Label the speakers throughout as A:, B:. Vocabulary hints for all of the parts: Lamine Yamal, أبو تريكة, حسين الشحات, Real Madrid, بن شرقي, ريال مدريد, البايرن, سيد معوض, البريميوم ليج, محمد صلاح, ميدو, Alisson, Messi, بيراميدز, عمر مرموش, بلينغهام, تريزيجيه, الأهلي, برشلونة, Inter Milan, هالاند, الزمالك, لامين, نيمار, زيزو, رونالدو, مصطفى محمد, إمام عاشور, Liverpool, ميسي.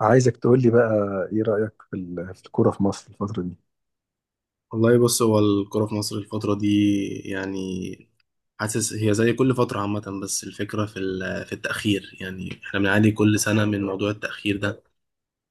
A: عايزك تقول لي بقى، ايه رأيك في الكورة في مصر الفترة دي؟
B: والله بص هو الكرة في مصر الفترة دي، يعني حاسس هي زي كل فترة عامة، بس الفكرة في التأخير. يعني احنا بنعاني كل سنة من موضوع التأخير ده.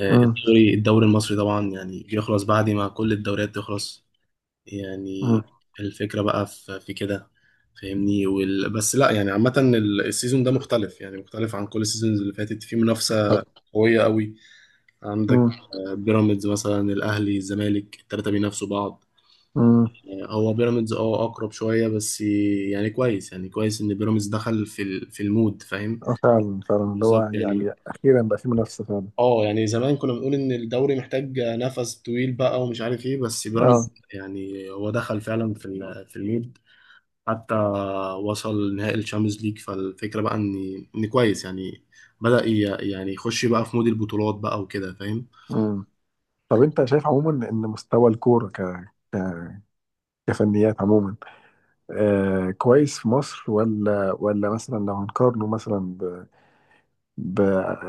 A: امم.
B: الدوري المصري طبعا يعني بيخلص بعد ما كل الدوريات تخلص، يعني
A: امم.
B: الفكرة بقى في كده فاهمني. بس لا يعني عامة السيزون ده مختلف، يعني مختلف عن كل السيزونز اللي فاتت في منافسة
A: بالظبط.
B: قوية قوي. عندك
A: امم.
B: بيراميدز مثلا، الأهلي، الزمالك، التلاتة بينافسوا بعض.
A: امم.
B: هو بيراميدز اقرب شويه، بس يعني كويس، يعني كويس ان بيراميدز دخل في المود فاهم.
A: آه، فعلا فعلا اللي هو
B: بالظبط يعني.
A: يعني اخيرا بقى في منافسة فعلا.
B: اه يعني زمان كنا بنقول ان الدوري محتاج نفس طويل بقى ومش عارف ايه، بس بيراميدز
A: اه.
B: يعني هو دخل فعلا في المود. حتى وصل نهائي الشامبيونز ليج، فالفكره بقى ان كويس يعني. بدأ يعني يخش بقى في مود البطولات بقى وكده فاهم.
A: امم. طب انت شايف عموما ان مستوى الكورة ك... كفنيات عموما آه كويس في مصر، ولا ولا مثلا لو هنقارنه مثلا ب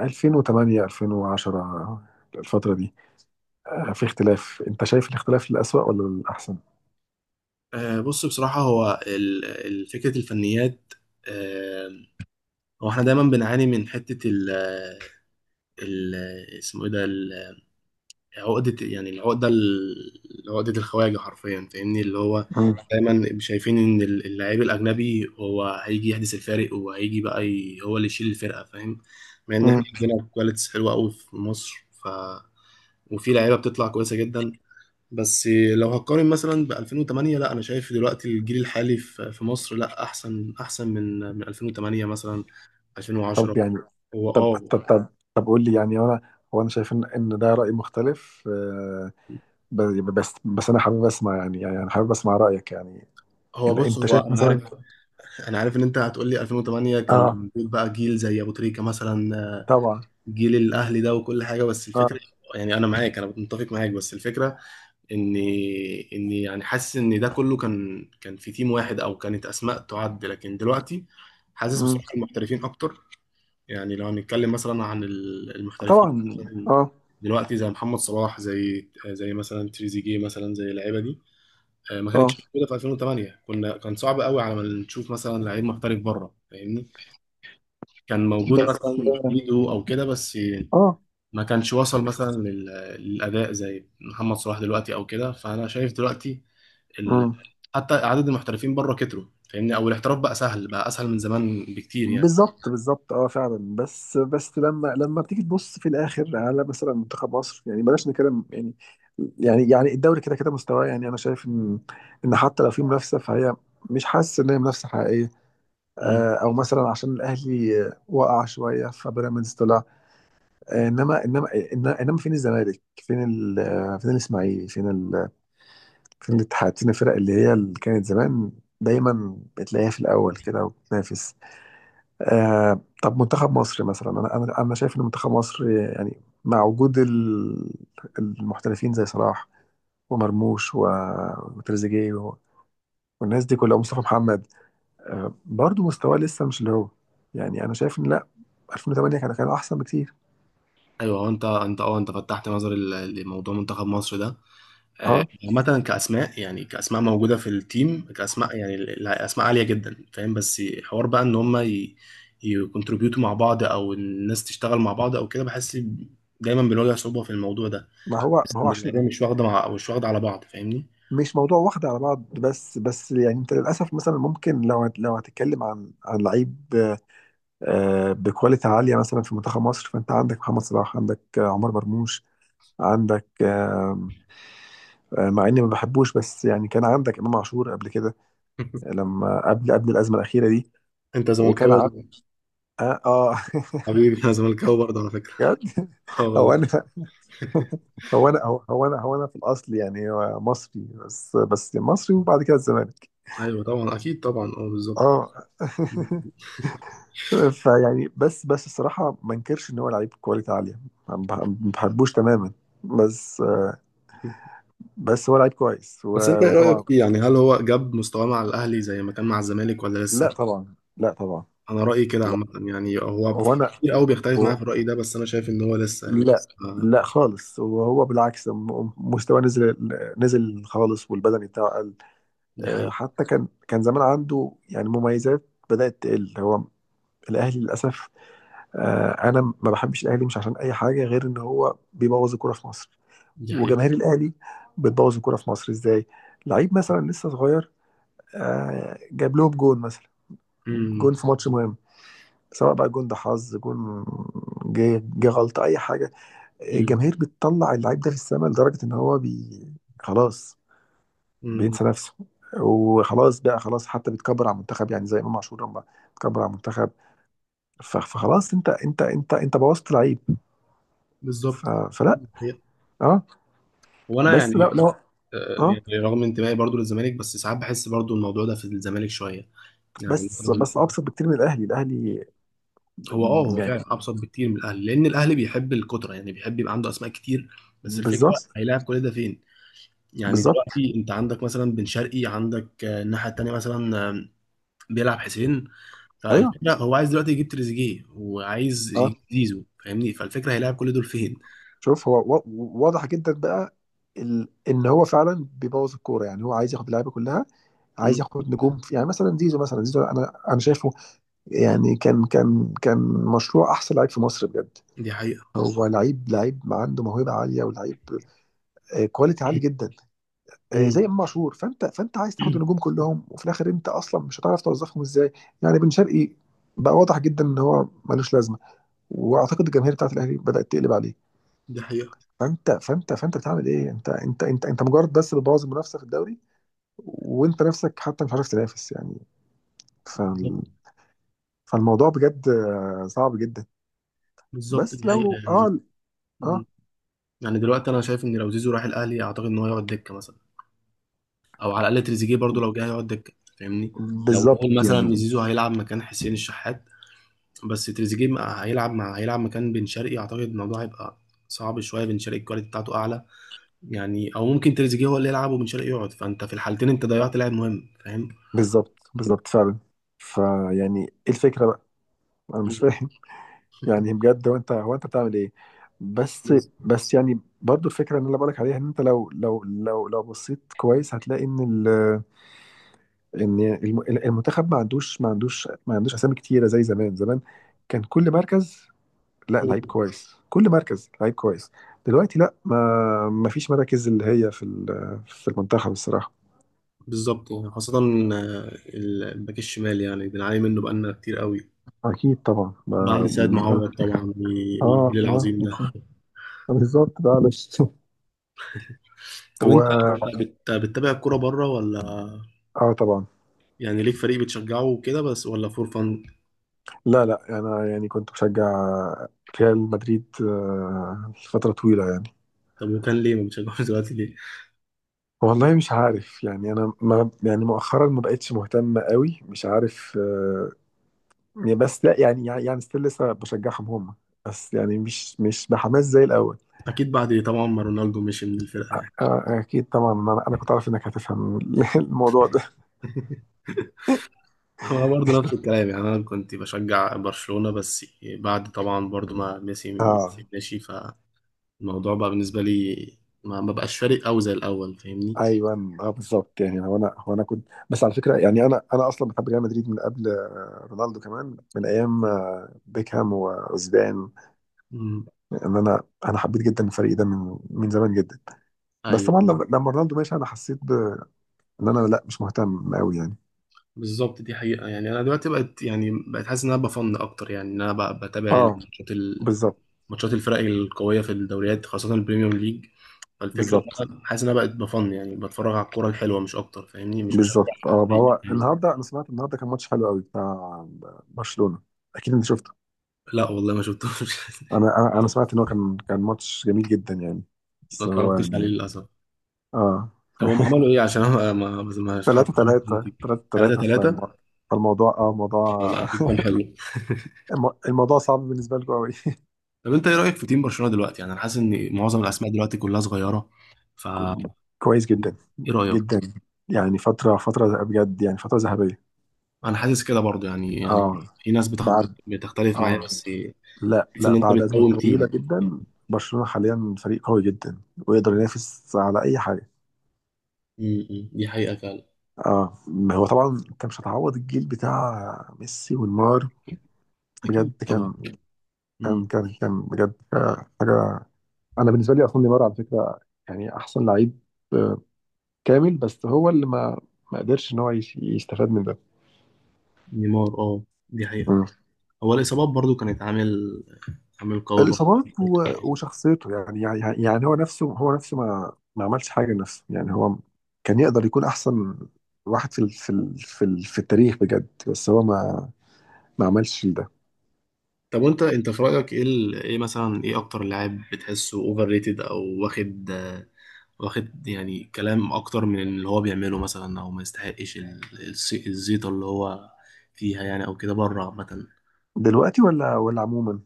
A: 2008 2010 الفترة دي، آه في اختلاف، انت شايف الاختلاف للأسوأ ولا للأحسن؟
B: بص بصراحه هو فكره الفنيات، آه، هو احنا دايما بنعاني من حتة ال- اسمه ايه ده عقدة، يعني العقدة عقدة الخواجة حرفيا فاهمني. اللي هو
A: امم.
B: دايما شايفين ان اللاعب الاجنبي هو هيجي يحدث الفارق، وهيجي بقى هو اللي يشيل الفرقة فاهم. مع ان احنا
A: امم.
B: عندنا كواليتيز حلوة قوي في مصر، ف وفي لعيبة بتطلع كويسة جدا. بس لو هقارن مثلا ب 2008، لا انا شايف دلوقتي الجيل الحالي في مصر لا، احسن من 2008 مثلا، 2010.
A: طب يعني.
B: هو
A: طب
B: اه
A: طب طب طب قول لي، يعني انا هو انا شايف ان ان ده رأي مختلف آه، بس انا حابب اسمع، يعني يعني انا حابب اسمع رأيك يعني.
B: هو بص
A: انت
B: هو
A: شايف
B: انا
A: مثلا.
B: عارف، ان انت هتقول لي 2008 كان
A: اه
B: موجود بقى جيل زي ابو تريكة مثلا،
A: طبعا.
B: جيل الاهلي ده وكل حاجه. بس الفكره،
A: اه.
B: يعني انا معاك، انا متفق معاك، بس الفكره اني اني يعني حاسس ان ده كله كان في تيم واحد او كانت اسماء تعد، لكن دلوقتي حاسس
A: مم.
B: بصراحه المحترفين اكتر. يعني لو هنتكلم مثلا عن المحترفين
A: طبعا.
B: مثلاً
A: اه.
B: دلوقتي، زي محمد صلاح، زي مثلا تريزيجيه، مثلا زي اللعيبه دي، ما
A: اه
B: كانتش موجوده في 2008. كنا كان صعب قوي على ما نشوف مثلا لعيب محترف بره فاهمني. كان موجود
A: بس
B: مثلا ميدو او كده، بس
A: اه.
B: ما كانش وصل مثلا للاداء زي محمد صلاح دلوقتي او كده. فانا شايف دلوقتي ال...
A: مم.
B: حتى عدد المحترفين بره كتروا فاهمني، او الاحتراف بقى سهل، بقى اسهل من زمان بكتير يعني.
A: بالظبط بالظبط، اه فعلا، بس لما بتيجي تبص في الاخر على مثلا منتخب مصر، يعني بلاش نتكلم يعني. يعني يعني الدوري كده كده مستواه، يعني انا شايف ان ان حتى لو في منافسه فهي، مش حاسس ان هي منافسه حقيقيه
B: مم.
A: آه، او مثلا عشان الاهلي آه، وقع شويه فبيراميدز طلع آه، انما انما فين الزمالك، فين ال آه، فين الاسماعيلي، فين ال فين الاتحاد، فين الفرق اللي هي اللي كانت زمان دايما بتلاقيها في الاول كده وبتنافس. آه، طب منتخب مصر مثلا، انا شايف ان منتخب مصر يعني مع وجود المحترفين زي صلاح ومرموش وتريزيجيه والناس دي كلها مصطفى محمد آه برضو مستواه لسه مش اللي هو، يعني انا شايف ان لا، 2008 كان كان احسن بكتير.
B: ايوه هو انت فتحت نظري لموضوع منتخب مصر ده.
A: اه.
B: عامة كأسماء، يعني كأسماء موجودة في التيم، كأسماء يعني أسماء عالية جدا فاهم. بس حوار بقى إن هما يكونتريبيوتوا مع بعض، أو الناس تشتغل مع بعض أو كده، بحس دايما بنواجه صعوبة في الموضوع ده.
A: ما هو ما
B: بحس
A: هو
B: إن العيلة
A: عشان
B: مش واخدة مع، أو مش واخدة على بعض فاهمني.
A: مش موضوع واحد على بعض، بس يعني انت للاسف مثلا ممكن لو لو هتتكلم عن عن لعيب آه بكواليتي عاليه مثلا في منتخب مصر، فانت عندك محمد صلاح، عندك آه، عمر مرموش، عندك آم، آه، مع اني ما بحبوش، بس يعني كان عندك امام عاشور قبل كده، لما قبل قبل الازمه الاخيره دي.
B: أنت زملكاوي
A: وكان
B: ولا
A: عن...
B: إيه؟
A: اه, آه.
B: حبيبي أنا زملكاوي برضه على فكرة.
A: بجد.
B: أه
A: هو انا
B: والله.
A: هو انا في الاصل يعني مصري، بس مصري وبعد كده الزمالك.
B: أيوه طبعا أكيد طبعا، أه بالظبط.
A: اه. فيعني، بس الصراحه ما انكرش ان هو لعيب كواليتي عاليه، ما بحبوش تماما، بس بس هو لعيب كويس
B: بس أنت إيه رأيك
A: وطبعا.
B: فيه؟ يعني هل هو جاب مستواه مع الأهلي زي ما كان مع الزمالك ولا
A: لا
B: لسه؟
A: طبعا. لا طبعا.
B: انا رايي كده
A: لا.
B: عامه، يعني هو في
A: وانا.
B: كتير قوي بيختلف معايا في الراي ده، بس انا شايف ان هو لسه يعني بس
A: لا لا خالص، وهو بالعكس مستواه نزل، نزل خالص، والبدني بتاعه قل
B: دي
A: آه،
B: حقيقه.
A: حتى كان كان زمان عنده يعني مميزات بدأت تقل. هو الأهلي للأسف آه، أنا ما بحبش الأهلي مش عشان أي حاجة غير إن هو بيبوظ الكورة في مصر.
B: دي حقيقه.
A: وجماهير الأهلي بتبوظ الكورة في مصر إزاي؟ لعيب مثلا لسه صغير آه، جاب لهم جون مثلا،
B: امم.
A: جون في ماتش مهم، سواء بقى جون ده حظ جون، جه جه غلطة أي حاجة،
B: امم.
A: الجماهير بتطلع اللعيب ده في السماء لدرجة إن هو خلاص
B: أمم.
A: بينسى نفسه، وخلاص بقى خلاص، حتى بيتكبر على المنتخب، يعني زي إمام عاشور لما اتكبر على المنتخب. فخلاص، أنت بوظت لعيب.
B: بالظبط،
A: فلا.
B: دي حقيقة.
A: أه.
B: وانا
A: بس لا
B: يعني
A: لا. أه.
B: يعني رغم انتمائي برضو للزمالك، بس ساعات بحس برضو الموضوع ده في الزمالك شويه. يعني
A: بس بس
B: مثلا
A: أبسط بكتير من الأهلي. الأهلي
B: هو
A: يعني.
B: فعلا ابسط بكتير من الاهلي، لان الاهلي بيحب الكتره، يعني بيحب يبقى عنده اسماء كتير، بس الفكره
A: بالظبط
B: هيلاعب كل ده فين؟ يعني
A: بالظبط.
B: دلوقتي انت عندك مثلا بن شرقي، عندك الناحيه التانيه مثلا بيلعب حسين.
A: أيوه.
B: فالفكره هو عايز دلوقتي يجيب تريزيجيه وعايز يجيب
A: آه.
B: زيزو فاهمني، فالفكره هيلاعب كل دول فين؟
A: شوف هو واضح جدا بقى ان هو فعلا بيبوظ الكوره، يعني هو عايز ياخد اللعيبه كلها، عايز
B: مم.
A: ياخد نجوم يعني مثلا زيزو، مثلا زيزو انا انا شايفه يعني كان مشروع احسن لعيب في مصر بجد،
B: دي حقيقه.
A: هو لعيب لعيب عنده موهبه عاليه ولعيب آه، كواليتي عالي جدا. آه، زي
B: مم.
A: امام عاشور، فانت فانت عايز تاخد النجوم كلهم وفي الاخر انت اصلا مش هتعرف توظفهم ازاي يعني. بن شرقي بقى واضح جدا ان هو ملوش لازمه، واعتقد الجماهير بتاعت الاهلي بدات تقلب عليه.
B: دي حقيقه.
A: فانت بتعمل ايه، انت مجرد بس بتبوظ المنافسه في الدوري، وانت نفسك حتى مش عارف تنافس يعني. فال...
B: بالظبط،
A: فالموضوع بجد آه، صعب جدا.
B: بالظبط،
A: بس
B: دي حقيقه
A: لو
B: يعني.
A: اه. اه
B: مم. يعني دلوقتي انا شايف ان لو زيزو راح الاهلي، اعتقد ان هو يقعد دكه مثلا، او على الاقل تريزيجيه برضو لو جه هيقعد دكه فاهمني. لو نقول
A: بالظبط
B: مثلا ان
A: يعني.
B: زيزو هيلعب مكان حسين الشحات، بس تريزيجيه مع- هيلعب مع هيلعب مكان بن شرقي، اعتقد الموضوع هيبقى صعب شويه، بن شرقي الكواليتي بتاعته اعلى يعني. او ممكن تريزيجيه هو اللي يلعب وبن شرقي يقعد، فانت في الحالتين انت ضيعت لاعب مهم فاهم.
A: بالظبط بالظبط فعلا. فيعني ايه الفكره بقى، انا مش فاهم. يعني بجد هو انت هو انت بتعمل ايه. بس
B: بز-
A: بس يعني برضو الفكره اللي انا بقولك عليها ان انت لو بصيت كويس هتلاقي ان ال ان المنتخب ما عندوش اسامي كتيره زي زمان. زمان كان كل مركز، لا لعيب كويس كل مركز لعيب كويس. دلوقتي لا، ما ما فيش مراكز اللي هي في المنتخب الصراحه.
B: بالظبط يعني خاصة الباك الشمال يعني بنعاني منه بقالنا كتير قوي،
A: اكيد طبعا. ما.
B: بعد سيد معوض طبعا
A: اه.
B: والجيل
A: اه.
B: العظيم ده.
A: بالظبط ده علش.
B: طب
A: و
B: بتتابع الكورة بره ولا
A: اه طبعا.
B: يعني ليك فريق بتشجعه وكده بس، ولا فور فان؟
A: لا لا انا يعني كنت بشجع ريال مدريد آه، لفتره طويله يعني.
B: طب وكان ليه ما بتشجعوش دلوقتي ليه؟
A: والله مش عارف يعني انا ما يعني مؤخرا ما بقتش مهتم قوي، مش عارف آه، يعني بس لا يعني يعني ستيل لسه بشجعهم هم، بس يعني مش مش بحماس زي الاول.
B: اكيد بعد طبعا ما رونالدو مشي من الفرقة
A: آه.
B: يعني.
A: آه، اكيد طبعا. انا أنا كنت عارف انك هتفهم الموضوع ده.
B: هو برضه نفس الكلام. يعني انا كنت بشجع برشلونة، بس بعد طبعا برضه ما
A: اه.
B: ميسي ماشي، فالموضوع بقى بالنسبة لي ما بقاش فارق قوي زي الاول فاهمني.
A: ايوه، اه بالظبط يعني. هو انا هو انا كنت بس على فكره، يعني انا انا اصلا بحب ريال مدريد من قبل آه، رونالدو كمان من ايام آه، بيكهام وزيدان.
B: مم.
A: ان انا انا حبيت جدا الفريق ده من من زمان جدا. بس
B: ايوه
A: طبعا لما لما رونالدو مشي انا حسيت ان انا لا مش مهتم قوي يعني.
B: بالظبط دي حقيقة يعني. انا دلوقتي بقت حاسس ان انا بفن اكتر، يعني ان انا بقى بتابع
A: اه
B: الماتشات
A: بالظبط
B: ماتشات الفرق القوية في الدوريات، خاصة البريميوم ليج. فالفكرة
A: بالظبط.
B: إن انا حاسس ان انا بقت بفن، يعني بتفرج على الكورة الحلوة مش اكتر فاهمني، مش بشجع
A: بالظبط اه، ما
B: فريق.
A: هو النهارده انا سمعت، النهارده كان ماتش حلو قوي بتاع برشلونه، اكيد انت شفته.
B: لا والله ما شفتوش.
A: انا انا أنا سمعت ان هو كان كان ماتش جميل جدا يعني،
B: ما
A: بس هو
B: اتفرجتش عليه
A: يعني.
B: للاسف.
A: اه.
B: طب هم عملوا ايه؟ عشان انا ما ما ما حتى
A: ثلاثة
B: شفت
A: ثلاثة
B: النتيجه. 3
A: ثلاثة
B: 3
A: ثلاثة. فالموضوع اه موضوع.
B: لا اكيد كان حلو.
A: الموضوع صعب بالنسبة لكم قوي.
B: طب انت ايه رايك في تيم برشلونه دلوقتي؟ يعني انا حاسس ان معظم الاسماء دلوقتي كلها صغيره، فا
A: كويس جدا.
B: ايه رايك؟
A: جدا يعني، فترة بجد، يعني فترة ذهبية.
B: انا حاسس كده برضو، يعني
A: اه.
B: يعني في ناس
A: بعد.
B: بتختلف
A: اه
B: معايا، بس
A: لا،
B: حاسس ان
A: لا
B: انت
A: بعد أزمة
B: بتقوم
A: طويلة
B: تيم.
A: جدا، برشلونة حاليا فريق قوي جدا ويقدر ينافس على أي حاجة.
B: امم، دي حقيقه فعلا.
A: اه ما هو طبعا انت مش هتعوض الجيل بتاع ميسي ونيمار
B: اكيد
A: بجد.
B: طبعا. امم.
A: كان بجد آه، حاجة. أنا بالنسبة لي أصلا نيمار على فكرة، يعني أحسن لعيب آه، كامل، بس هو اللي ما ما قدرش إن هو يستفاد من
B: نيمار دي حقيقه.
A: ده.
B: هو الاصابات برضو كانت عامل قوي برضو.
A: الإصابات وشخصيته يعني يعني يعني هو نفسه هو نفسه ما ما عملش حاجة لنفسه يعني، هو كان يقدر يكون أحسن واحد في التاريخ بجد، بس هو ما ما عملش ده.
B: طب وانت في رايك ايه ايه مثلا، ايه اكتر لاعب بتحسه اوفر ريتد او واخد، واخد يعني كلام اكتر من اللي هو بيعمله مثلا، او ما يستحقش الزيطه اللي هو فيها يعني او كده بره عامه؟
A: دلوقتي ولا ولا عموما.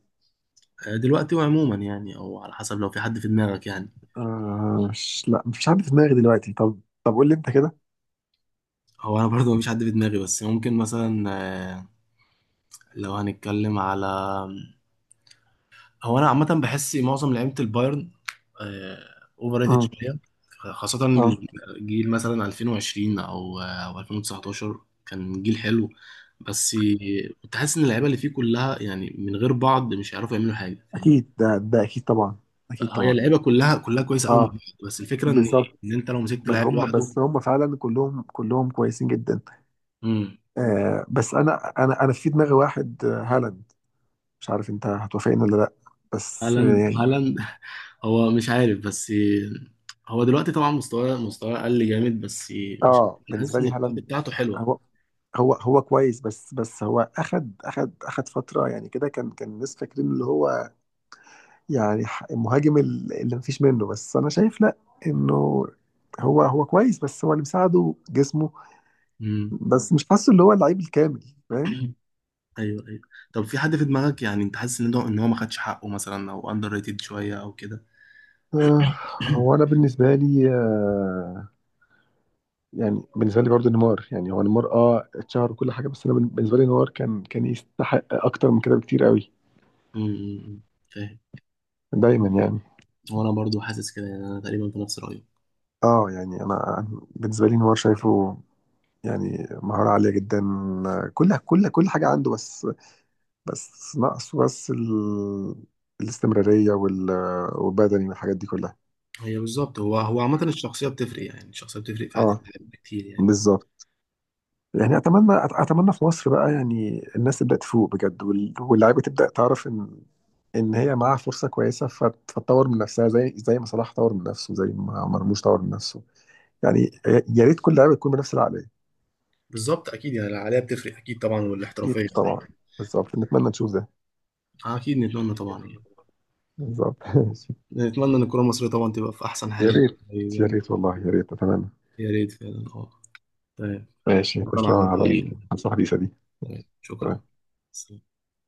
B: دلوقتي وعموما يعني، او على حسب لو في حد في دماغك يعني.
A: آه، مش لا مش عارف في دماغي دلوقتي. طب طب قول لي أنت كده.
B: هو انا برضه مفيش حد في دماغي، بس ممكن مثلا آه، لو هنتكلم على، هو انا عامه بحس معظم لعيبه البايرن اوفر ريتد
A: امم.
B: شويه، خاصه
A: اه.
B: الجيل مثلا 2020 او او 2019، كان جيل حلو، بس كنت حاسس ان اللعيبه اللي فيه كلها يعني من غير بعض مش هيعرفوا يعملوا حاجه فاهمني.
A: أكيد ده ده أكيد طبعا. أكيد
B: فهي
A: طبعا.
B: اللعيبه كلها كويسه قوي مع
A: اه
B: بعض، بس الفكره ان
A: بالظبط.
B: انت لو مسكت
A: بس
B: لعيب
A: هم
B: لوحده.
A: بس هم فعلا كلهم كلهم كويسين جدا.
B: امم.
A: آه، بس انا انا انا في دماغي واحد آه، هالاند، مش عارف انت هتوافقني ولا لا، بس
B: هالاند.
A: يعني.
B: هو مش عارف، بس هو دلوقتي طبعا مستواه قل جامد، بس مش
A: اه،
B: حاسس
A: بالنسبه
B: ان
A: لي
B: الكواليتي
A: هالاند،
B: بتاعته حلوه.
A: هو هو هو كويس، بس بس هو اخد اخد اخد فتره يعني كده، كان كان الناس فاكرين اللي هو يعني المهاجم اللي مفيش منه، بس انا شايف لا، انه هو هو كويس بس هو اللي مساعده جسمه، بس مش حاسه اللي هو اللعيب الكامل فاهم.
B: ايوه ايوه. طب في حد في دماغك يعني انت حاسس ان ده ان هو ما خدش حقه مثلا، او اندر ريتد شويه او كده؟
A: آه، هو انا بالنسبه لي آه، يعني بالنسبه لي برضو نيمار. يعني هو نيمار اه اتشهر وكل حاجه، بس انا بالنسبه لي نيمار كان كان يستحق اكتر من كده بكتير قوي.
B: أمم، أمم، فاهم.
A: دايما يعني.
B: وانا برضو حاسس كده يعني، انا تقريبا في نفس رايي.
A: اه يعني انا أنا بالنسبه لي نيمار شايفه يعني مهاره عاليه جدا، كل كل كل حاجه عنده، بس بس ناقصه بس الاستمراريه والبدني والحاجات دي كلها.
B: هي بالظبط، هو عامه الشخصيه بتفرق، يعني الشخصيه بتفرق في حياه
A: اه
B: الواحد كتير يعني.
A: بالظبط يعني. اتمنى اتمنى في مصر بقى يعني الناس تبدا تفوق بجد، واللعيبه تبدا تعرف ان ان هي معاها فرصه كويسه، فتطور من نفسها زي زي ما صلاح طور من نفسه، زي ما مرموش طور من نفسه يعني. يا يا ريت كل لعيبه تكون بنفس العقليه.
B: بالظبط، اكيد يعني العقليه بتفرق اكيد طبعا،
A: اكيد
B: والاحترافيه
A: طبعا.
B: فاهم.
A: بالظبط نتمنى نشوف ده.
B: اكيد نتمنى طبعا يعني.
A: بالظبط. ماشي.
B: نتمنى ان الكره المصريه طبعا تبقى في احسن
A: يا
B: حال يعني.
A: ريت.
B: طيب
A: يا
B: يعني.
A: ريت والله، يا ريت اتمنى.
B: يا ريت فعلا، اه. طيب،
A: ماشي،
B: شكرا
A: تسلم
B: على
A: على
B: رأيك.
A: النصيحه الحديثه دي.
B: طيب شكرا. سلام.